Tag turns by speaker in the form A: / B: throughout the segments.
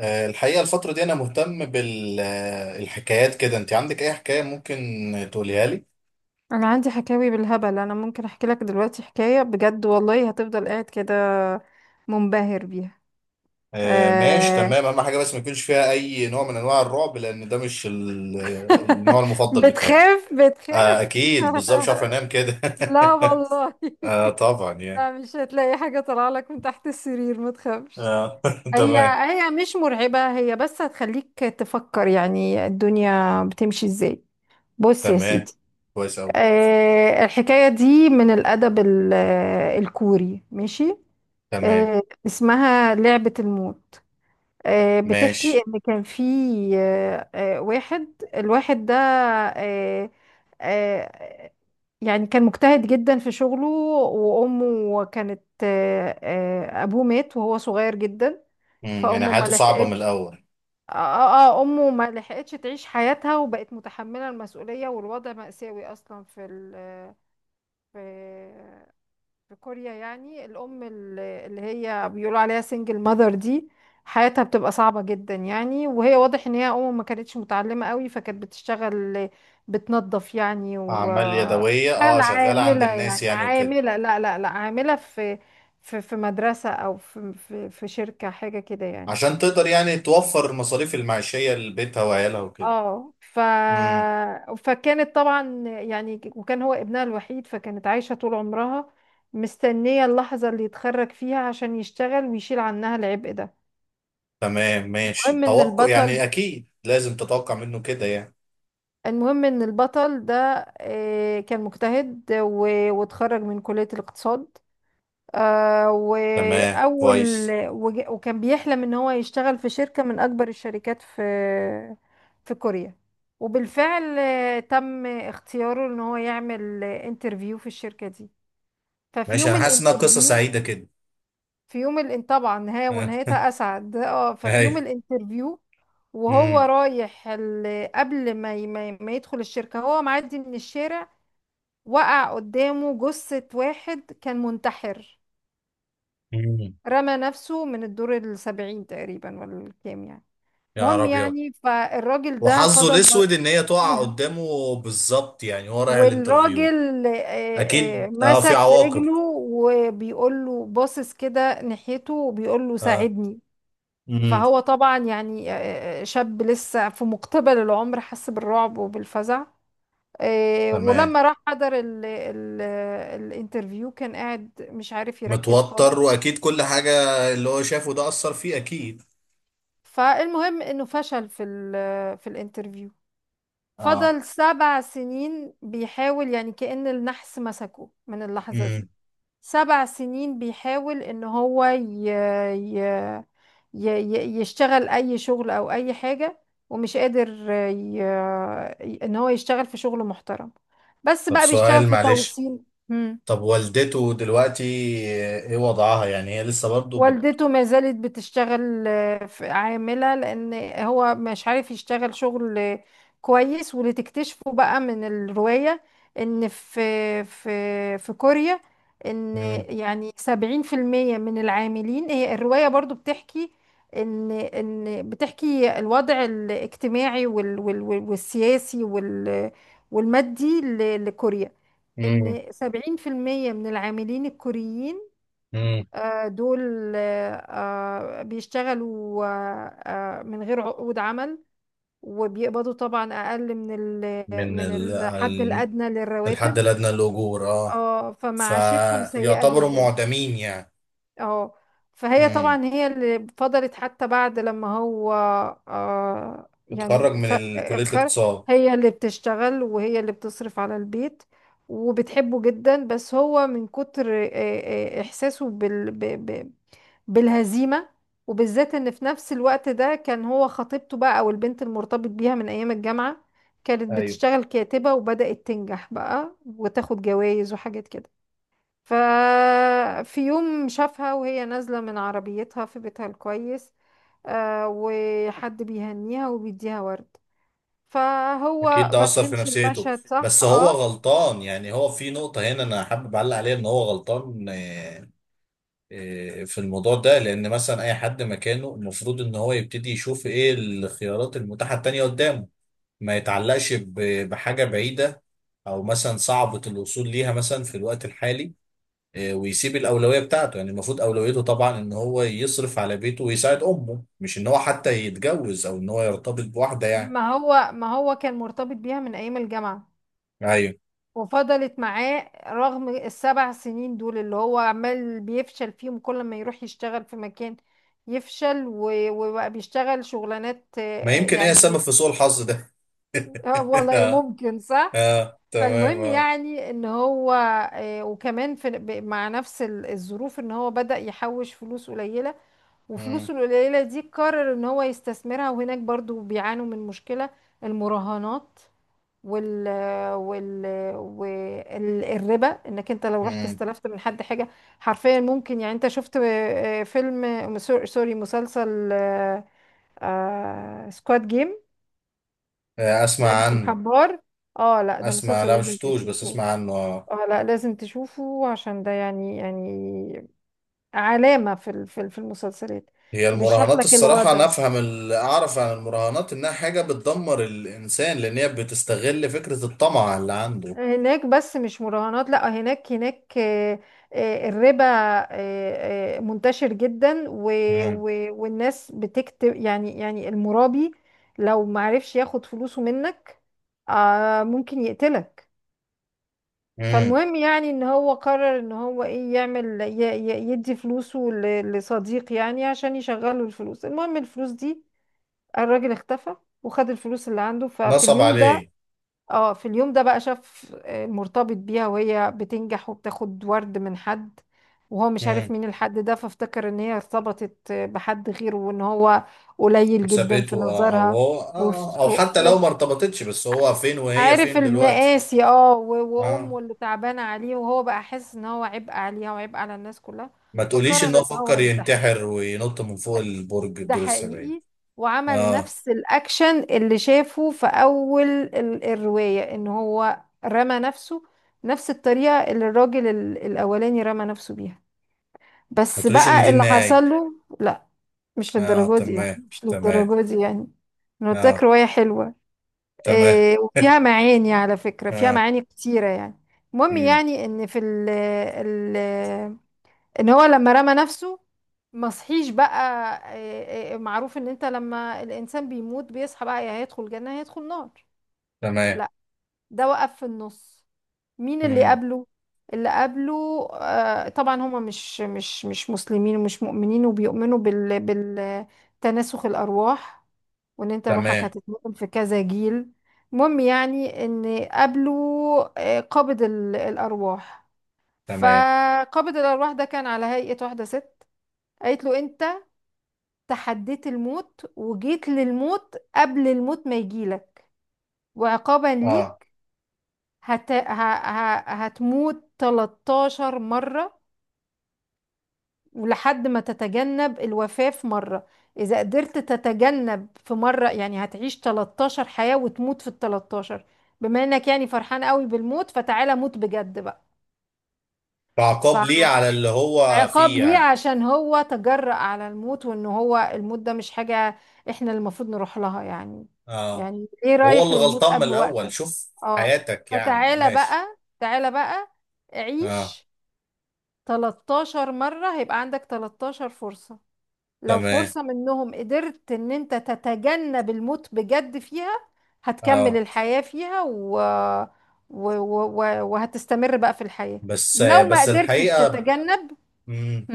A: الحقيقة الفترة دي أنا مهتم بالحكايات كده. أنت عندك أي حكاية ممكن تقوليها لي؟
B: انا عندي حكاوي بالهبل. انا ممكن احكي لك دلوقتي حكاية بجد، والله هتفضل قاعد كده منبهر بيها.
A: آه، ماشي
B: آه
A: تمام. أهم حاجة بس ما يكونش فيها أي نوع من أنواع الرعب، لأن ده مش النوع المفضل بتاعي.
B: بتخاف
A: آه،
B: بتخاف.
A: أكيد بالظبط، مش عارف أنام كده.
B: لا والله.
A: آه طبعا يعني.
B: لا، مش هتلاقي حاجة طالعة لك من تحت السرير، ما تخافش.
A: آه.
B: هي
A: تمام.
B: هي مش مرعبة، هي بس هتخليك تفكر يعني الدنيا بتمشي ازاي. بص يا
A: تمام،
B: سيدي.
A: كويس أوي.
B: الحكاية دي من الأدب الكوري. ماشي.
A: تمام،
B: اسمها لعبة الموت. بتحكي
A: ماشي.
B: ان كان في واحد. الواحد ده آه، آه، يعني كان مجتهد جدا في شغله، وامه كانت ابوه مات وهو صغير جدا،
A: يعني
B: فامه ما
A: حياته صعبة من
B: لحقتش.
A: الأول.
B: امه ما لحقتش تعيش حياتها، وبقت متحملة المسؤولية، والوضع مأساوي اصلا في في كوريا. يعني الأم اللي هي بيقولوا عليها سنجل ماذر دي حياتها بتبقى صعبة جدا. يعني وهي واضح ان هي أم ما كانتش متعلمة قوي، فكانت بتشتغل، بتنظف يعني،
A: أعمال يدوية،
B: وبتشتغل
A: شغالة عند
B: عاملة،
A: الناس
B: يعني
A: يعني وكده.
B: عاملة، لا لا لا، عاملة في مدرسة، أو في شركة، حاجة كده يعني.
A: عشان تقدر يعني توفر المصاريف المعيشية لبيتها وعيالها وكده.
B: اه ف...
A: امم.
B: فكانت طبعا يعني، وكان هو ابنها الوحيد، فكانت عايشة طول عمرها مستنية اللحظة اللي يتخرج فيها عشان يشتغل ويشيل عنها العبء ده.
A: تمام، ماشي،
B: المهم ان
A: توقع
B: البطل
A: يعني، اكيد لازم تتوقع منه كده يعني.
B: المهم ان البطل ده كان مجتهد واتخرج من كلية الاقتصاد. آه
A: تمام،
B: وأول
A: كويس.
B: وكان بيحلم إن هو يشتغل في شركة من أكبر الشركات في كوريا. وبالفعل تم اختياره إن هو يعمل انترفيو في الشركة دي. ففي
A: ماشي،
B: يوم
A: انا حاسس انها قصه
B: الانترفيو،
A: سعيده كده.
B: في يوم الان طبعا نهاية،
A: اه.
B: ونهايتها أسعد. اه، ففي يوم
A: ايوه.
B: الانترفيو وهو
A: امم.
B: رايح قبل ما يدخل الشركة، هو معدي من الشارع. وقع قدامه جثة واحد كان منتحر،
A: امم.
B: رمى نفسه من الدور 70 تقريبا ولا الكام يعني.
A: يا نهار
B: المهم
A: ابيض.
B: يعني، فالراجل ده
A: وحظه
B: فضل
A: الاسود ان هي تقع قدامه بالظبط، يعني هو رايح الانترفيو.
B: والراجل
A: اكيد، في
B: مسك في
A: عواقب.
B: رجله، وبيقول له باصص كده ناحيته، وبيقول له
A: اه.
B: ساعدني.
A: امم.
B: فهو طبعا يعني شاب لسه في مقتبل العمر، حس بالرعب وبالفزع.
A: تمام.
B: ولما راح حضر ال الانترفيو، كان قاعد مش عارف يركز
A: متوتر،
B: خالص.
A: واكيد كل حاجه اللي هو شافه ده اثر فيه اكيد.
B: فالمهم انه فشل في الانترفيو.
A: اه.
B: فضل 7 سنين بيحاول، يعني كأن النحس مسكه من اللحظة دي.
A: امم.
B: 7 سنين بيحاول ان هو ي... يشتغل اي شغل او اي حاجة، ومش قادر ان هو يشتغل في شغل محترم، بس
A: طب
B: بقى بيشتغل
A: سؤال
B: في
A: معلش،
B: توصيل.
A: طب والدته دلوقتي ايه وضعها؟ يعني هي لسه برضو؟
B: والدته ما زالت بتشتغل عاملة، لأن هو مش عارف يشتغل شغل كويس. واللي تكتشفه بقى من الرواية إن في في كوريا، إن
A: مم.
B: يعني 70% من العاملين، هي الرواية برضو بتحكي إن بتحكي الوضع الاجتماعي والسياسي والمادي لكوريا،
A: مم.
B: إن 70% من العاملين الكوريين
A: مم.
B: دول بيشتغلوا من غير عقود عمل، وبيقبضوا طبعا أقل
A: من
B: من
A: ال...
B: الحد
A: ال...
B: الأدنى
A: الحد
B: للرواتب.
A: الأدنى للأجور. اه
B: اه، فمعاشتهم سيئة
A: فيعتبروا
B: جدا.
A: معدمين يعني.
B: اه، فهي
A: مم.
B: طبعا هي اللي فضلت، حتى بعد لما هو
A: اتخرج من كلية
B: اتخرج،
A: الاقتصاد.
B: هي اللي بتشتغل وهي اللي بتصرف على البيت، وبتحبه جدا. بس هو من كتر إحساسه بالهزيمة، وبالذات ان في نفس الوقت ده كان هو خطيبته بقى، او البنت المرتبط بيها من ايام الجامعة، كانت
A: ايوه،
B: بتشتغل كاتبة وبدأت تنجح بقى وتاخد جوائز وحاجات كده. ففي يوم شافها وهي نازلة من عربيتها في بيتها الكويس، وحد بيهنيها وبيديها ورد.
A: اكيد
B: فهو
A: ده
B: ما
A: أثر في
B: فهمش
A: نفسيته.
B: المشهد صح،
A: بس هو
B: اه.
A: غلطان، يعني هو في نقطة هنا انا حابب اعلق عليها ان هو غلطان في الموضوع ده، لان مثلا اي حد مكانه المفروض ان هو يبتدي يشوف ايه الخيارات المتاحة التانية قدامه. ما يتعلقش بحاجة بعيدة، أو مثلا صعبة الوصول ليها مثلا في الوقت الحالي. ويسيب الأولوية بتاعته، يعني المفروض أولويته طبعا إن هو يصرف على بيته ويساعد أمه، مش إن هو حتى يتجوز أو إن هو يرتبط بواحدة يعني.
B: ما هو كان مرتبط بيها من ايام الجامعة،
A: أيوه.
B: وفضلت معاه رغم ال7 سنين دول اللي هو عمال بيفشل فيهم. كل ما يروح يشتغل في مكان يفشل، وبقى بيشتغل شغلانات
A: ما يمكن هي السبب في سوء الحظ ده.
B: والله
A: آه.
B: ممكن صح.
A: آه، تمام.
B: فالمهم
A: آه.
B: يعني ان هو وكمان مع نفس الظروف، ان هو بدأ يحوش فلوس قليلة،
A: مم.
B: وفلوسه القليلة دي قرر ان هو يستثمرها. وهناك برضو بيعانوا من مشكلة المراهنات، وال وال والربا. انك انت لو رحت
A: مم.
B: استلفت من حد حاجه، حرفيا ممكن. يعني انت شفت فيلم سوري مسلسل، سكواد جيم،
A: آه، أسمع
B: لعبه
A: عنه.
B: الحبار؟ اه، لا، ده
A: أسمع،
B: مسلسل
A: لا
B: لازم
A: مشفتوش، بس
B: تشوفه.
A: أسمع عنه.
B: اه لا، لازم تشوفه عشان ده يعني يعني علامه في المسلسلات،
A: هي
B: وبيشرح
A: المراهنات،
B: لك
A: الصراحة أنا
B: الوضع
A: أفهم، اللي أعرف عن المراهنات إنها حاجة بتدمر الإنسان، لأن هي بتستغل فكرة الطمع اللي عنده.
B: هناك. بس مش مراهنات، لا، هناك هناك الربا منتشر جدا، و
A: مم.
B: و والناس بتكتب. يعني يعني المرابي لو معرفش ياخد فلوسه منك ممكن يقتلك.
A: مم.
B: فالمهم يعني ان هو قرر ان هو ايه، يعمل يدي فلوسه لصديق يعني عشان يشغله الفلوس. المهم الفلوس دي، الراجل اختفى وخد الفلوس اللي عنده. ففي
A: نصب
B: اليوم ده،
A: عليه.
B: اه، في اليوم ده بقى شاف مرتبط بيها وهي بتنجح وبتاخد ورد من حد، وهو مش عارف
A: مم.
B: مين الحد ده، فافتكر ان هي ارتبطت بحد غيره، وان هو قليل جدا في
A: وسابته أو
B: نظرها.
A: هو
B: وف-
A: أو
B: و-
A: حتى لو ما
B: و-
A: ارتبطتش، بس هو فين وهي
B: عارف
A: فين دلوقتي؟
B: المقاسي اه،
A: آه.
B: وامه اللي تعبانه عليه، وهو بقى حاسس ان هو عبء عليها وعبء على الناس كلها.
A: ما تقوليش إن
B: فقرر
A: هو
B: ان هو
A: فكر
B: ينتحر.
A: ينتحر وينط من فوق البرج
B: ده
A: الدور السبعين.
B: حقيقي. وعمل
A: آه.
B: نفس الأكشن اللي شافه في أول الرواية، إن هو رمى نفسه، نفس الطريقة اللي الراجل الأولاني رمى نفسه بيها.
A: ما
B: بس
A: تقوليش إن
B: بقى
A: دي
B: اللي
A: النهاية.
B: حصل له، لا، مش
A: آه،
B: للدرجة دي يعني،
A: تمام،
B: مش
A: تمام.
B: للدرجة دي يعني. أنا قلت لك
A: آه.
B: رواية حلوة.
A: تمام.
B: إيه، وفيها معاني على فكرة، فيها
A: آه
B: معاني كتيرة يعني. المهم
A: مم.
B: يعني إن في ال ان هو لما رمى نفسه ما صحيش بقى. معروف ان انت لما الانسان بيموت بيصحى بقى، يا هيدخل جنة يا هيدخل نار.
A: تمام.
B: لا، ده وقف في النص. مين اللي
A: مم.
B: قبله؟ اللي قبله طبعا هما مش مسلمين ومش مؤمنين، وبيؤمنوا بالتناسخ الارواح، وان انت روحك
A: تمام،
B: هتتنقل في كذا جيل. المهم يعني ان قبله قابض الارواح.
A: تمام.
B: فقابض الارواح ده كان على هيئة واحدة ست. قالت له: انت تحديت الموت وجيت للموت قبل الموت ما يجيلك، وعقابا
A: اه،
B: ليك هت... ه... ه... هتموت 13 مرة، ولحد ما تتجنب الوفاة في مرة. إذا قدرت تتجنب في مرة يعني، هتعيش 13 حياة وتموت في ال 13. بما إنك يعني فرحان قوي بالموت، فتعالى موت بجد بقى. ف...
A: كعقاب ليه على اللي هو
B: عقاب
A: فيه
B: ليه
A: يعني.
B: عشان هو تجرأ على الموت، وان هو الموت ده مش حاجة احنا اللي المفروض نروح لها يعني.
A: اه.
B: يعني ليه
A: وهو
B: رايح
A: اللي
B: للموت
A: غلطان من
B: قبل
A: الاول،
B: وقتك؟
A: شوف
B: اه،
A: حياتك يعني،
B: فتعالى
A: ماشي.
B: بقى، تعالى بقى،
A: اه،
B: عيش 13 مرة، هيبقى عندك 13 فرصة. لو
A: تمام.
B: فرصة منهم قدرت ان انت تتجنب الموت بجد فيها، هتكمل
A: اه.
B: الحياة فيها وهتستمر بقى في الحياة.
A: بس
B: لو ما
A: بس
B: قدرتش
A: الحقيقه.
B: تتجنب،
A: مم.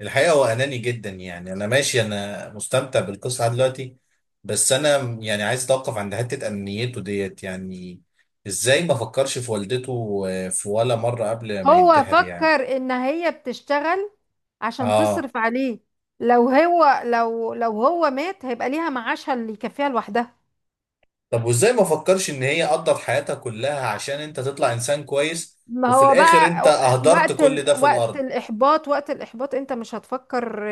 A: الحقيقه هو اناني جدا، يعني انا ماشي، انا مستمتع بالقصه دلوقتي. بس انا يعني عايز اتوقف عند حته انانيته ديت يعني. ازاي ما فكرش في والدته في ولا مره قبل ما
B: هو
A: ينتحر يعني؟
B: فكر ان هي بتشتغل عشان
A: اه.
B: تصرف عليه. لو هو لو لو هو مات هيبقى ليها معاشها اللي يكفيها لوحدها.
A: طب وازاي ما فكرش ان هي قضت حياتها كلها عشان انت تطلع انسان كويس،
B: ما
A: وفي
B: هو
A: الاخر انت
B: بقى
A: اهدرت كل ده في
B: وقت
A: الارض.
B: الإحباط، وقت الإحباط أنت مش هتفكر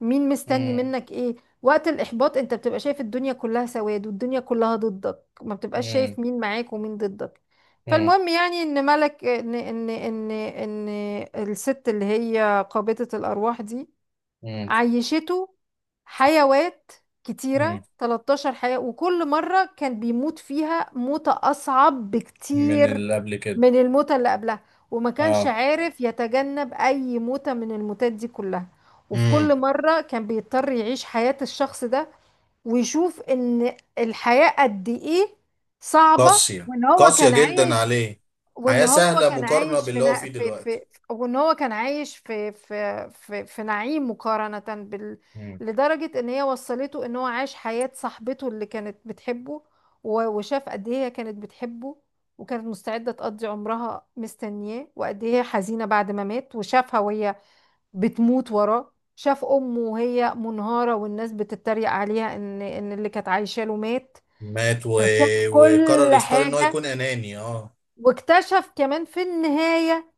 B: مين مستني
A: مم.
B: منك إيه. وقت الإحباط أنت بتبقى شايف الدنيا كلها سواد، والدنيا كلها ضدك، ما بتبقاش شايف
A: مم.
B: مين معاك ومين ضدك.
A: مم.
B: فالمهم يعني إن ملك إن الست اللي هي قابضة الأرواح دي
A: مم.
B: عيشته حيوات
A: مم.
B: كتيرة، 13 حياة، وكل مرة كان بيموت فيها موتة أصعب
A: من
B: بكتير
A: اللي قبل كده.
B: من الموتة اللي قبلها. وما كانش
A: اه.
B: عارف يتجنب أي موتة من الموتات دي كلها، وفي
A: مم.
B: كل مرة كان بيضطر يعيش حياة الشخص ده، ويشوف إن الحياة قد إيه صعبة.
A: قاسية
B: وإن هو
A: قاسية
B: كان
A: جدا
B: عايش،
A: عليه.
B: وان
A: حياة
B: هو
A: سهلة
B: كان
A: مقارنة
B: عايش في
A: باللي هو
B: نا...
A: فيه
B: في في
A: دلوقتي.
B: وان هو كان عايش في نعيم مقارنة بال،
A: مم.
B: لدرجة ان هي وصلته ان هو عاش حياة صاحبته اللي كانت بتحبه، وشاف قد ايه هي كانت بتحبه، وكانت مستعدة تقضي عمرها مستنياه، وقد ايه هي حزينة بعد ما مات. وشافها وهي بتموت وراه، شاف امه وهي منهارة، والناس بتتريق عليها ان اللي كانت عايشة له مات.
A: مات.
B: فشاف
A: وقرر
B: كل
A: يختار ان هو يكون
B: حاجة.
A: اناني اه
B: واكتشف كمان في النهاية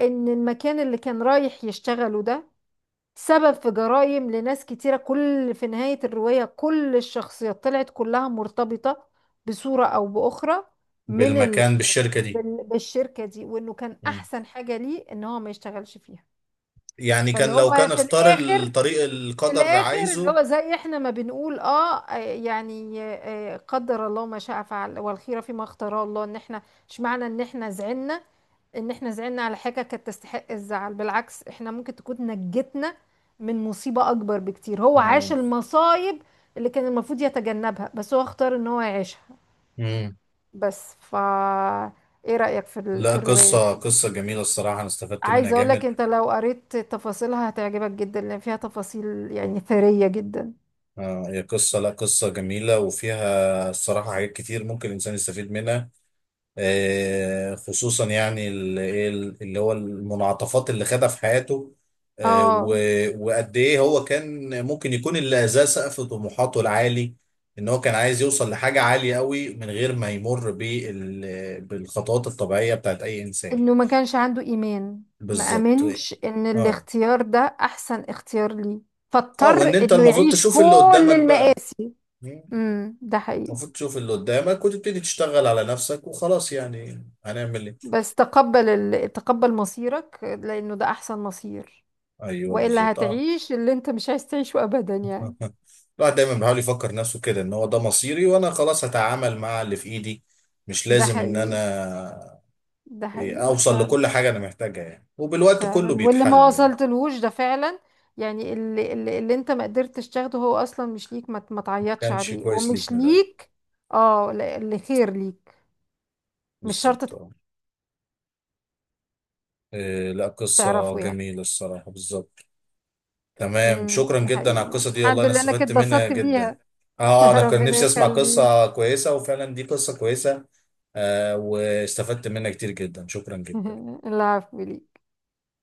B: ان المكان اللي كان رايح يشتغله ده سبب في جرائم لناس كتيرة. كل في نهاية الرواية كل الشخصيات طلعت كلها مرتبطة بصورة او باخرى من ال...
A: بالمكان، بالشركة دي.
B: بالشركة دي، وانه كان
A: مم.
B: احسن حاجة ليه ان هو ما يشتغلش فيها.
A: يعني
B: فاللي
A: كان لو
B: هو
A: كان
B: في
A: اختار
B: الاخر،
A: الطريق
B: في
A: القدر
B: الاخر، اللي
A: عايزه.
B: هو زي احنا ما بنقول اه، قدر الله ما شاء فعل، والخيره فيما اختاره الله. ان احنا مش معنى ان احنا زعلنا، ان احنا زعلنا على حاجه كانت تستحق الزعل، بالعكس احنا ممكن تكون نجتنا من مصيبه اكبر بكتير. هو عاش المصايب اللي كان المفروض يتجنبها، بس هو اختار ان هو يعيشها.
A: مم.
B: بس ف ايه رايك
A: لا،
B: في الروايه
A: قصة
B: دي؟
A: قصة جميلة، الصراحة أنا استفدت منها
B: عايزه اقول لك،
A: جامد.
B: انت لو قريت تفاصيلها هتعجبك جدا، لان فيها تفاصيل يعني ثريه جدا.
A: آه، هي قصة، لا، قصة جميلة، وفيها الصراحة حاجات كتير ممكن الإنسان يستفيد منها. آه، خصوصا يعني اللي هو المنعطفات اللي خدها في حياته.
B: اه،
A: وقد إيه هو كان ممكن يكون اللي أذاه سقف طموحاته العالي. إن هو كان عايز يوصل لحاجة عالية قوي من غير ما يمر بالخطوات الطبيعية بتاعت أي إنسان.
B: انه ما كانش عنده ايمان. ما
A: بالظبط،
B: امنش ان
A: اه.
B: الاختيار ده احسن اختيار ليه،
A: اه، وإن
B: فاضطر
A: أنت
B: انه
A: المفروض
B: يعيش
A: تشوف اللي
B: كل
A: قدامك بقى.
B: المآسي. امم، ده حقيقي.
A: المفروض تشوف اللي قدامك وتبتدي تشتغل على نفسك وخلاص، يعني هنعمل ايه؟
B: بس تقبل تقبل مصيرك لانه ده احسن مصير،
A: ايوه،
B: والا
A: بالظبط، اه.
B: هتعيش اللي انت مش عايز تعيشه ابدا يعني.
A: الواحد دايما بيحاول يفكر نفسه كده ان هو ده مصيري وانا خلاص هتعامل مع اللي في ايدي. مش
B: ده
A: لازم ان
B: حقيقي،
A: انا
B: ده حقيقي
A: اوصل لكل
B: فعلا.
A: حاجه انا محتاجها يعني، وبالوقت كله
B: فعلا، واللي ما
A: بيتحل يعني.
B: وصلتلهوش ده فعلا يعني، اللي انت ما قدرتش تاخده هو اصلا مش ليك. ما
A: ما
B: تعيطش
A: كانش
B: عليه
A: كويس ليك
B: ومش
A: من الاول.
B: ليك. اه، اللي خير ليك مش
A: بالظبط،
B: شرط
A: اه. لا، قصه
B: تعرفه يعني.
A: جميله الصراحه، بالظبط. تمام،
B: امم،
A: شكرا
B: ده
A: جدا على
B: حقيقي يعني.
A: القصة دي، والله
B: الحمد
A: انا
B: لله، انا كنت
A: استفدت منها
B: اتبسطت
A: جدا.
B: بيها.
A: اه، انا كان
B: ربنا
A: نفسي اسمع
B: يخليك.
A: قصة كويسة، وفعلا دي قصة كويسة. آه واستفدت منها كتير جدا، شكرا جدا.
B: العفو ليك.